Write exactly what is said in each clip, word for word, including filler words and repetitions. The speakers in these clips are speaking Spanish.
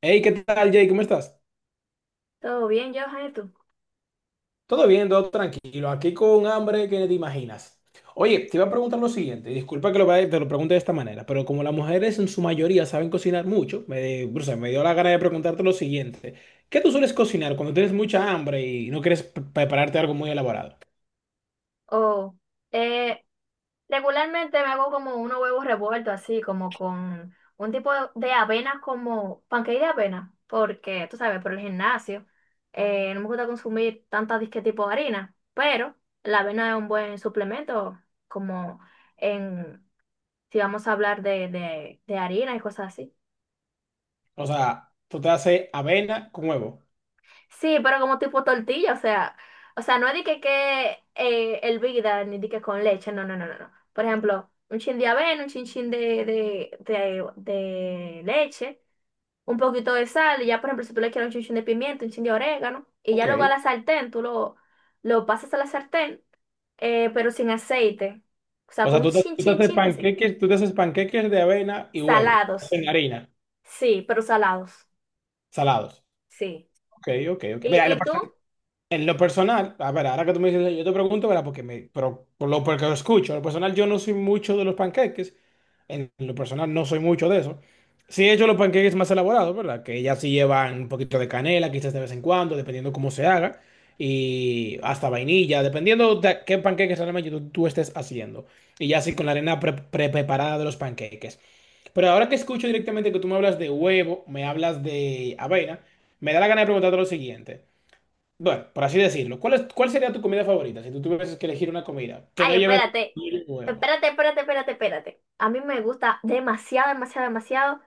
Hey, ¿qué tal, Jay? ¿Cómo estás? Todo bien, Johan, ¿y tú? Todo bien, todo tranquilo. Aquí con hambre que ni te imaginas. Oye, te iba a preguntar lo siguiente. Y disculpa que lo vaya- te lo pregunte de esta manera, pero como las mujeres en su mayoría saben cocinar mucho, me, o sea, me dio la gana de preguntarte lo siguiente. ¿Qué tú sueles cocinar cuando tienes mucha hambre y no quieres pre- prepararte algo muy elaborado? Oh, eh, regularmente me hago como unos huevos revueltos, así como con un tipo de avena, como pancake de avena, porque tú sabes, por el gimnasio, eh, no me gusta consumir tantas disque tipo de harina, pero la avena es un buen suplemento, como en, si vamos a hablar de, de, de harina y cosas así. O sea, tú te haces avena con huevo. Sí, pero como tipo tortilla, o sea, o sea, no es de que, que eh, hervida ni de que con leche, no, no, no, no, no. Por ejemplo, un chin de avena, un chin chin de, de, de, de leche, un poquito de sal, y ya por ejemplo, si tú le quieres un chin chin de pimienta, un chin de orégano, y ya Ok. luego a la sartén, tú lo, lo pasas a la sartén, eh, pero sin aceite, o sea, O sea, con un tú te, chin tú te chin haces chin de ese- panqueques, tú te haces panqueques de avena y huevo. salados, En harina, sí, pero salados, salados. sí. Ok, ok, ok. ¿Y, Mira, lo y tú? personal. En lo personal, a ver, ahora que tú me dices, yo te pregunto, ¿verdad? Porque me, pero por lo, porque lo escucho. En lo personal, yo no soy mucho de los panqueques. En lo personal, no soy mucho de eso. Sí he hecho los panqueques más elaborados, ¿verdad? Que ya sí llevan un poquito de canela, quizás de vez en cuando, dependiendo cómo se haga. Y hasta vainilla, dependiendo de qué panqueques realmente tú, tú estés haciendo. Y ya sí con la arena pre- pre- preparada de los panqueques. Pero ahora que escucho directamente que tú me hablas de huevo, me hablas de avena, me da la gana de preguntarte lo siguiente. Bueno, por así decirlo, ¿cuál es, cuál sería tu comida favorita si tú tuvieses que elegir una comida que no Ay, lleves espérate. pollo huevo? Espérate, espérate, espérate, espérate. A mí me gusta demasiado, demasiado, demasiado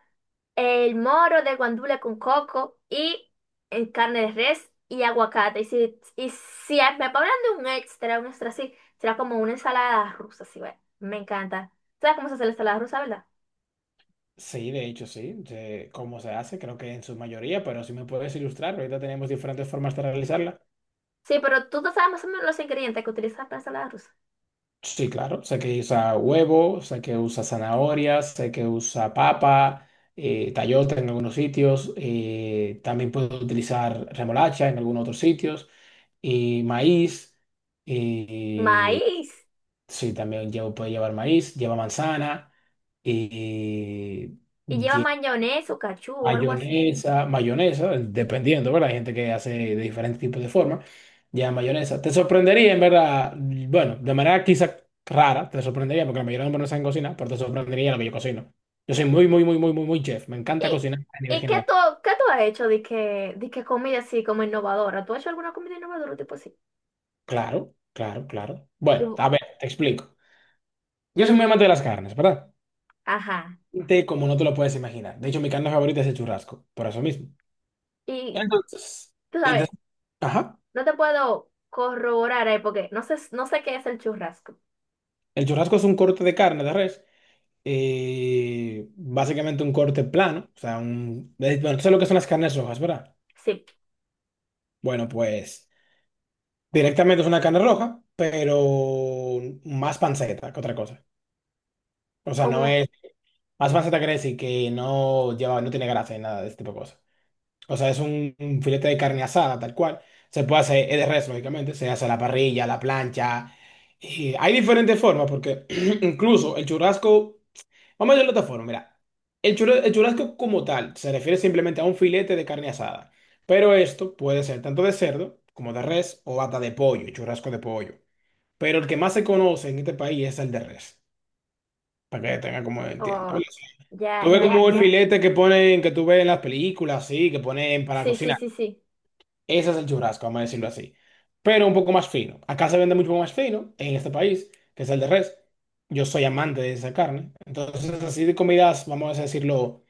el moro de guandule con coco y en carne de res y aguacate. Y si, y si me ponen de un extra, un extra así, será como una ensalada rusa, sí, güey. Me encanta. ¿Sabes cómo se hace la ensalada rusa, verdad? Sí, de hecho, sí. Sé cómo se hace, creo que en su mayoría, pero si me puedes ilustrar, ahorita tenemos diferentes formas de realizarla. Sí, pero tú no sabes más o menos los ingredientes que utilizas para la ensalada rusa. Sí, claro, sé que usa huevo, sé que usa zanahorias, sé que usa papa, eh, tayota en algunos sitios, eh, también puedo utilizar remolacha en algunos otros sitios, y maíz. eh, Maíz. Sí, también llevo- puede llevar maíz, lleva manzana y Y lleva lleva mayonesa o cachú o algo así. mayonesa, mayonesa, dependiendo, ¿verdad? Hay gente que hace de diferentes tipos de forma, lleva mayonesa. Te sorprendería, en verdad, bueno, de manera quizá rara, te sorprendería, porque la mayoría de los hombres no saben cocinar, pero te sorprendería lo que yo cocino. Yo soy muy, muy, muy, muy, muy, muy chef. Me encanta ¿Y, cocinar a nivel y qué general. tú, qué tú has hecho de que, de que comida así como innovadora? ¿Tú has hecho alguna comida innovadora tipo así? Claro, claro, claro. Y Bueno, bu- a ver, te explico. Yo soy muy amante de las carnes, ¿verdad? ajá. Te- Como no te lo puedes imaginar. De hecho, mi carne favorita es el churrasco, por eso mismo. Y Entonces, tú sabes, entonces, ajá, no te puedo corroborar ahí porque no sé, no sé qué es el churrasco. el churrasco es un corte de carne de res, eh, básicamente un corte plano, o sea, un, eh, bueno, tú sabes lo que son las carnes rojas, ¿verdad? Sí, Bueno, pues directamente es una carne roja, pero más panceta que otra cosa. O sea, no como, es, más panceta quiere decir que no lleva, no tiene grasa y nada de este tipo de cosas. O sea, es un, un filete de carne asada, tal cual. Se puede hacer, es de res, lógicamente. Se hace a la parrilla, a la plancha. Y hay diferentes formas, porque incluso el churrasco. Vamos a verlo de otra forma, mira. El churrasco, el churrasco como tal se refiere simplemente a un filete de carne asada. Pero esto puede ser tanto de cerdo como de res o hasta de pollo, churrasco de pollo. Pero el que más se conoce en este país es el de res. Para que tenga como entienda. oh, ya, Tú ves ya. como el Mm, filete que ponen, que tú ves en las películas, sí, que ponen para Sí, sí, cocinar. sí, sí. Ese es el churrasco, vamos a decirlo así. Pero un poco más fino. Acá se vende mucho más fino en este país, que es el de res. Yo soy amante de esa carne. Entonces, así de comidas, vamos a decirlo,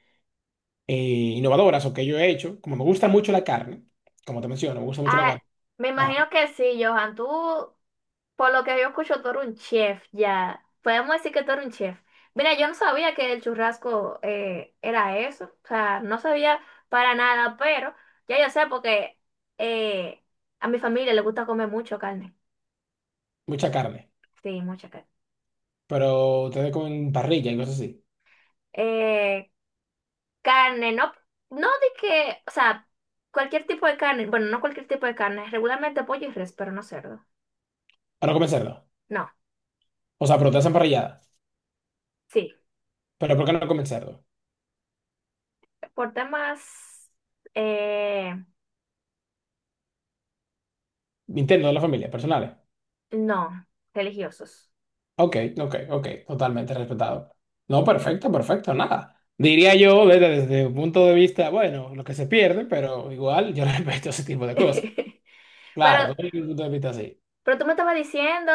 eh, innovadoras o que yo he hecho. Como me gusta mucho la carne, como te menciono, me gusta mucho la Ah, carne. me Ah, imagino que sí, Johan. Tú, por lo que yo escucho, tú eres un chef ya. Podemos decir que tú eres un chef. Mira, yo no sabía que el churrasco eh, era eso. O sea, no sabía para nada, pero ya yo sé porque eh, a mi familia le gusta comer mucho carne. mucha carne. Sí, mucha carne. Pero te con parrilla y cosas así. Eh, carne, no, no de que, o sea, cualquier tipo de carne. Bueno, no cualquier tipo de carne. Regularmente pollo y res, pero no cerdo. Pero no comen cerdo. No, O sea, pero te hacen parrillada. sí, Pero ¿por qué no comen cerdo? por temas, eh, Interno de la familia, personales. no, religiosos. Ok, ok, ok, totalmente respetado. No, perfecto, perfecto, nada. Diría yo desde, desde un punto de vista, bueno, lo que se pierde, pero igual yo respeto ese tipo de cosas. Pero, Claro, doy un punto de vista así. pero tú me estabas diciendo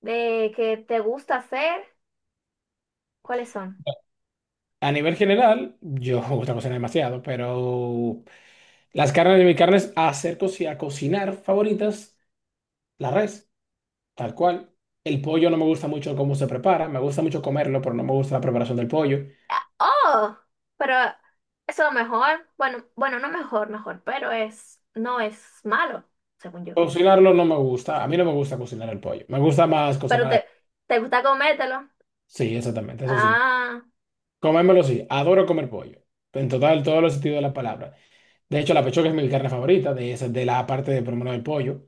de que te gusta hacer. ¿Cuáles son? A nivel general, yo me gusta cocinar demasiado, pero las carnes de mis carnes hacer coci- a cocinar favoritas, la res, tal cual. El pollo no me gusta mucho cómo se prepara, me gusta mucho comerlo, pero no me gusta la preparación del pollo. Ah, oh, pero eso es mejor. Bueno, bueno, no mejor, mejor, pero es, no es malo, según yo. Cocinarlo no me gusta, a mí no me gusta cocinar el pollo, me gusta más Pero cocinar. te, te gusta comértelo. Sí, exactamente, eso sí. Ah, Comérmelo sí, adoro comer pollo. En total, todos los sentidos de la palabra. De hecho, la pechuga es mi carne favorita, de esa, de la parte de por lo menos del pollo.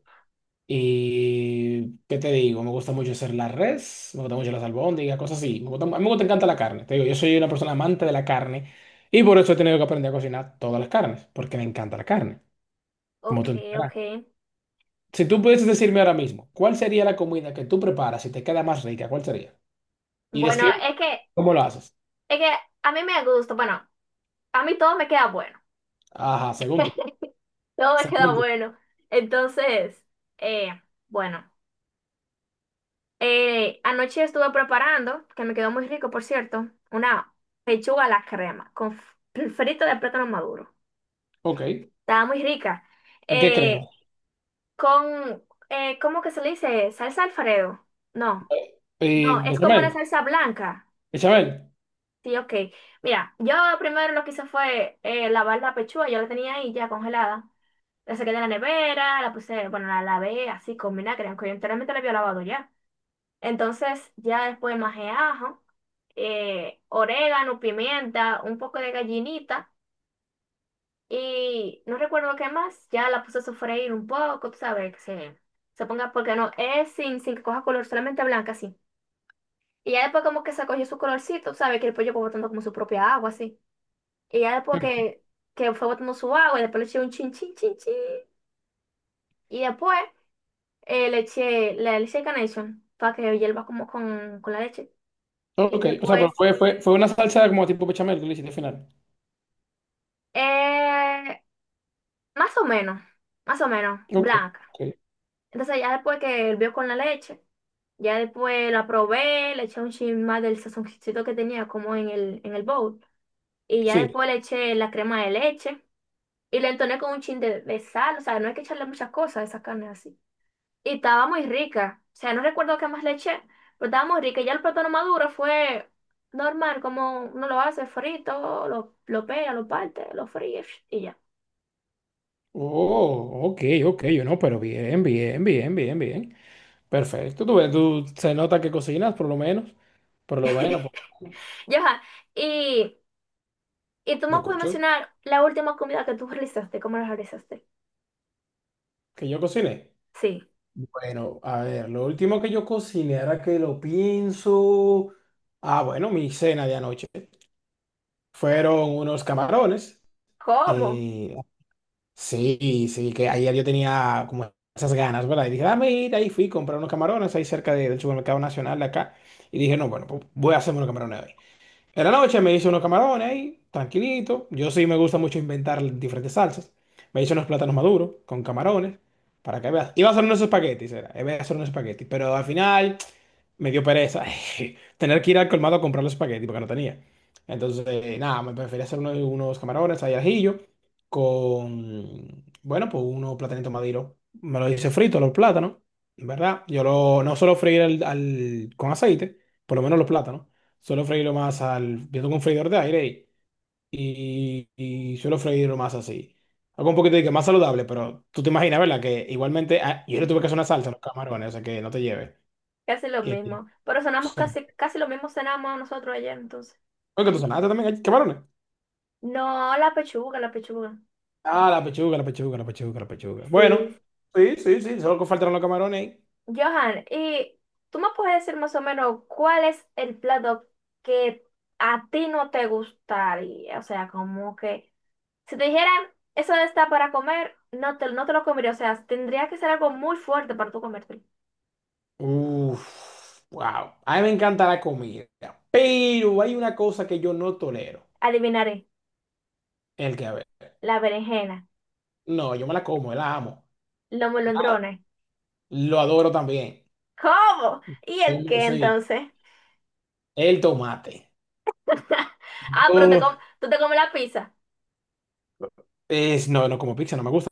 Y, ¿qué te digo? Me gusta mucho hacer la res, me gusta mucho las albóndigas, cosas así. Me gusta- a mí me gusta, encanta la carne. Te digo, yo soy una persona amante de la carne y por eso he tenido que aprender a cocinar todas las carnes, porque me encanta la carne, como ok, tú entenderás. ok. Si tú pudieses decirme ahora mismo, ¿cuál sería la comida que tú preparas y te queda más rica? ¿Cuál sería? Y Bueno, describe es que, cómo lo haces. es que a mí me gusta, bueno, a mí todo me queda bueno. Ajá, según tú. Todo me queda bueno. Entonces, eh, bueno. Eh, anoche estuve preparando, que me quedó muy rico, por cierto, una pechuga a la crema con f- frito de plátano maduro. Ok. Estaba muy rica. ¿En qué crees? Eh, con, eh, ¿cómo que se le dice? ¿Salsa Alfredo? No, no, Eh, es como una bechamel. salsa blanca. Bechamel. Sí, ok. Mira, yo primero lo que hice fue eh, lavar la pechuga, yo la tenía ahí ya congelada. La saqué de la nevera, la puse, bueno, la lavé así con vinagre, aunque yo anteriormente la había lavado ya. Entonces ya después majé ajo, eh, orégano, pimienta, un poco de gallinita y no recuerdo qué más. Ya la puse a sofreír un poco, tú sabes, que se, se ponga, porque no, es sin, sin que coja color, solamente blanca así. Y ya después como que se cogió su colorcito, tú sabes, que el pollo fue botando como su propia agua así. Y ya después Mm, que, que fue botando su agua y después le eché un chin, chin, chin, chin. Y después eh, le eché, le, le eché Carnation para que hierva como con, con la leche. Y Ok. O sea, pero después... fue, fue, fue una salsa como tipo bechamel que le hiciste al final. Eh, más o menos, más o menos, Ok. blanca. Ok. Entonces ya después que hervió con la leche, ya después la probé, le eché un chin más del sazoncito que tenía como en el, en el bowl. Y ya Sí. después le eché la crema de leche y le entoné con un chin de, de sal. O sea, no hay que echarle muchas cosas a esa carne así. Y estaba muy rica. O sea, no recuerdo qué más le eché, pero estaba muy rica. Ya el plátano maduro fue normal, como uno lo hace frito, lo, lo pega, lo parte, lo fríe y ya. Oh, ok, ok. Yo no, pero bien, bien, bien, bien, bien. Perfecto. Tú, ves, tú se nota que cocinas, por lo menos. Por lo menos, por- Ya, y... ¿Y tú te me puedes escucho. mencionar la última comida que tú realizaste? ¿Cómo la realizaste? Que yo cociné. Sí. Bueno, a ver, lo último que yo cociné ahora que lo pienso. Ah, bueno, mi cena de anoche. Fueron unos camarones. ¿Cómo? eh, Sí, sí, que ayer yo tenía como esas ganas, ¿verdad? Y dije, dame ir, ahí fui, compré unos camarones ahí cerca de- del supermercado nacional de acá. Y dije, no, bueno, pues voy a hacerme unos camarones hoy. En la noche me hice unos camarones ahí, tranquilito. Yo sí me gusta mucho inventar diferentes salsas. Me hice unos plátanos maduros con camarones, para que veas. Iba a hacer unos espaguetis, era. Iba a hacer unos espaguetis, pero al final me dio pereza tener que ir al colmado a comprar los espaguetis porque no tenía. Entonces, eh, nada, me preferí hacer unos, unos camarones ahí al ajillo con, bueno, pues unos platanitos maduros. Me lo hice frito, los plátanos, ¿verdad? Yo lo, no suelo freír al- al- con aceite, por lo menos los plátanos. Suelo freírlo más al... Yo tengo un freidor de aire y, y, y suelo freírlo más así. Algo un poquito de que más saludable, pero tú te imaginas, ¿verdad? Que igualmente ah, yo le tuve que hacer una salsa a los camarones, o sea que no te lleves. Casi lo Eh, mismo. Pero cenamos casi, casi lo mismo cenamos nosotros ayer, entonces. Oye, que tú sonaste también camarones. No, la pechuga, la pechuga. Ah, la pechuga, la pechuga, la pechuga, la pechuga. Bueno, Sí. sí, sí, sí, solo que faltaron los camarones. Ahí. Johan, ¿y tú me puedes decir más o menos cuál es el plato que a ti no te gustaría? O sea, como que si te dijeran, eso está para comer, no te, no te lo comería. O sea, tendría que ser algo muy fuerte para tú comértelo. Uf, wow. A mí me encanta la comida, pero hay una cosa que yo no tolero, Adivinaré, el que a ver. la berenjena. No, yo me la como, la amo, Los molondrones. lo adoro también. ¿Cómo? ¿Y el Yo- qué Sí, entonces? el tomate. Ah, pero te Yo, com- tú te comes la pizza. es, no, no como pizza, no me gusta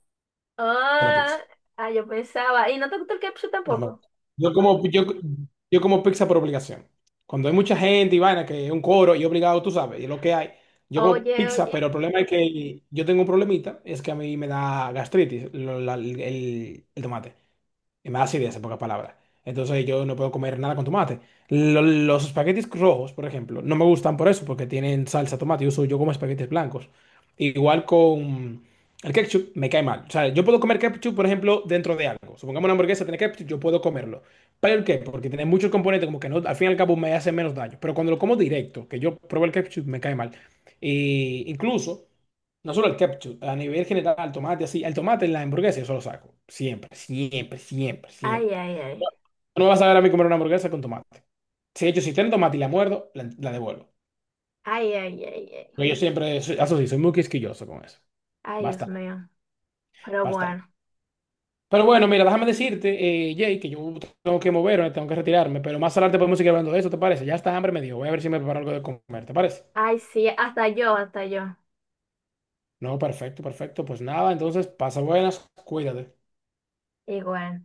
la Ah, pizza. ah, yo pensaba. ¿Y no te gusta el ketchup No me tampoco? gusta. Yo como, yo, yo como pizza por obligación. Cuando hay mucha gente y vaina, que es un coro y obligado, tú sabes, y es lo que hay. Yo como Oye, pizza, pero oye. el problema es que yo tengo un problemita, es que a mí me da gastritis, lo- la- el, el tomate. Y más da acidez, en pocas palabras. Entonces yo no puedo comer nada con tomate. Lo- los espaguetis rojos, por ejemplo, no me gustan por eso, porque tienen salsa tomate. Yo, uso- yo como espaguetis blancos. Igual con el ketchup, me cae mal. O sea, yo puedo comer ketchup, por ejemplo, dentro de algo. Supongamos una hamburguesa tiene ketchup, yo puedo comerlo. ¿Pero el qué? Porque tiene muchos componentes, como que no, al fin y al cabo me hace menos daño. Pero cuando lo como directo, que yo pruebo el ketchup, me cae mal. Y incluso. No solo el ketchup, a nivel general, el tomate así. El tomate en la hamburguesa yo solo saco. Siempre, siempre, siempre, Ay, siempre. ay, ay. No, no me vas a ver a mí comer una hamburguesa con tomate. Si de hecho, si tiene tomate y la muerdo, la, la devuelvo. Ay, ay, ay, ay. Porque yo siempre, soy- eso sí, soy muy quisquilloso con eso. Ay, Dios Bastante, mío. Pero bastante. bueno. Pero bueno, mira, déjame decirte, eh, Jay, que yo tengo que moverme, tengo que retirarme. Pero más adelante podemos seguir hablando de eso, ¿te parece? Ya está, hambre me dio. Voy a ver si me preparo algo de comer, ¿te parece? Ay, sí, hasta yo, hasta yo. No, perfecto, perfecto. Pues nada, entonces pasa buenas, cuídate. Igual.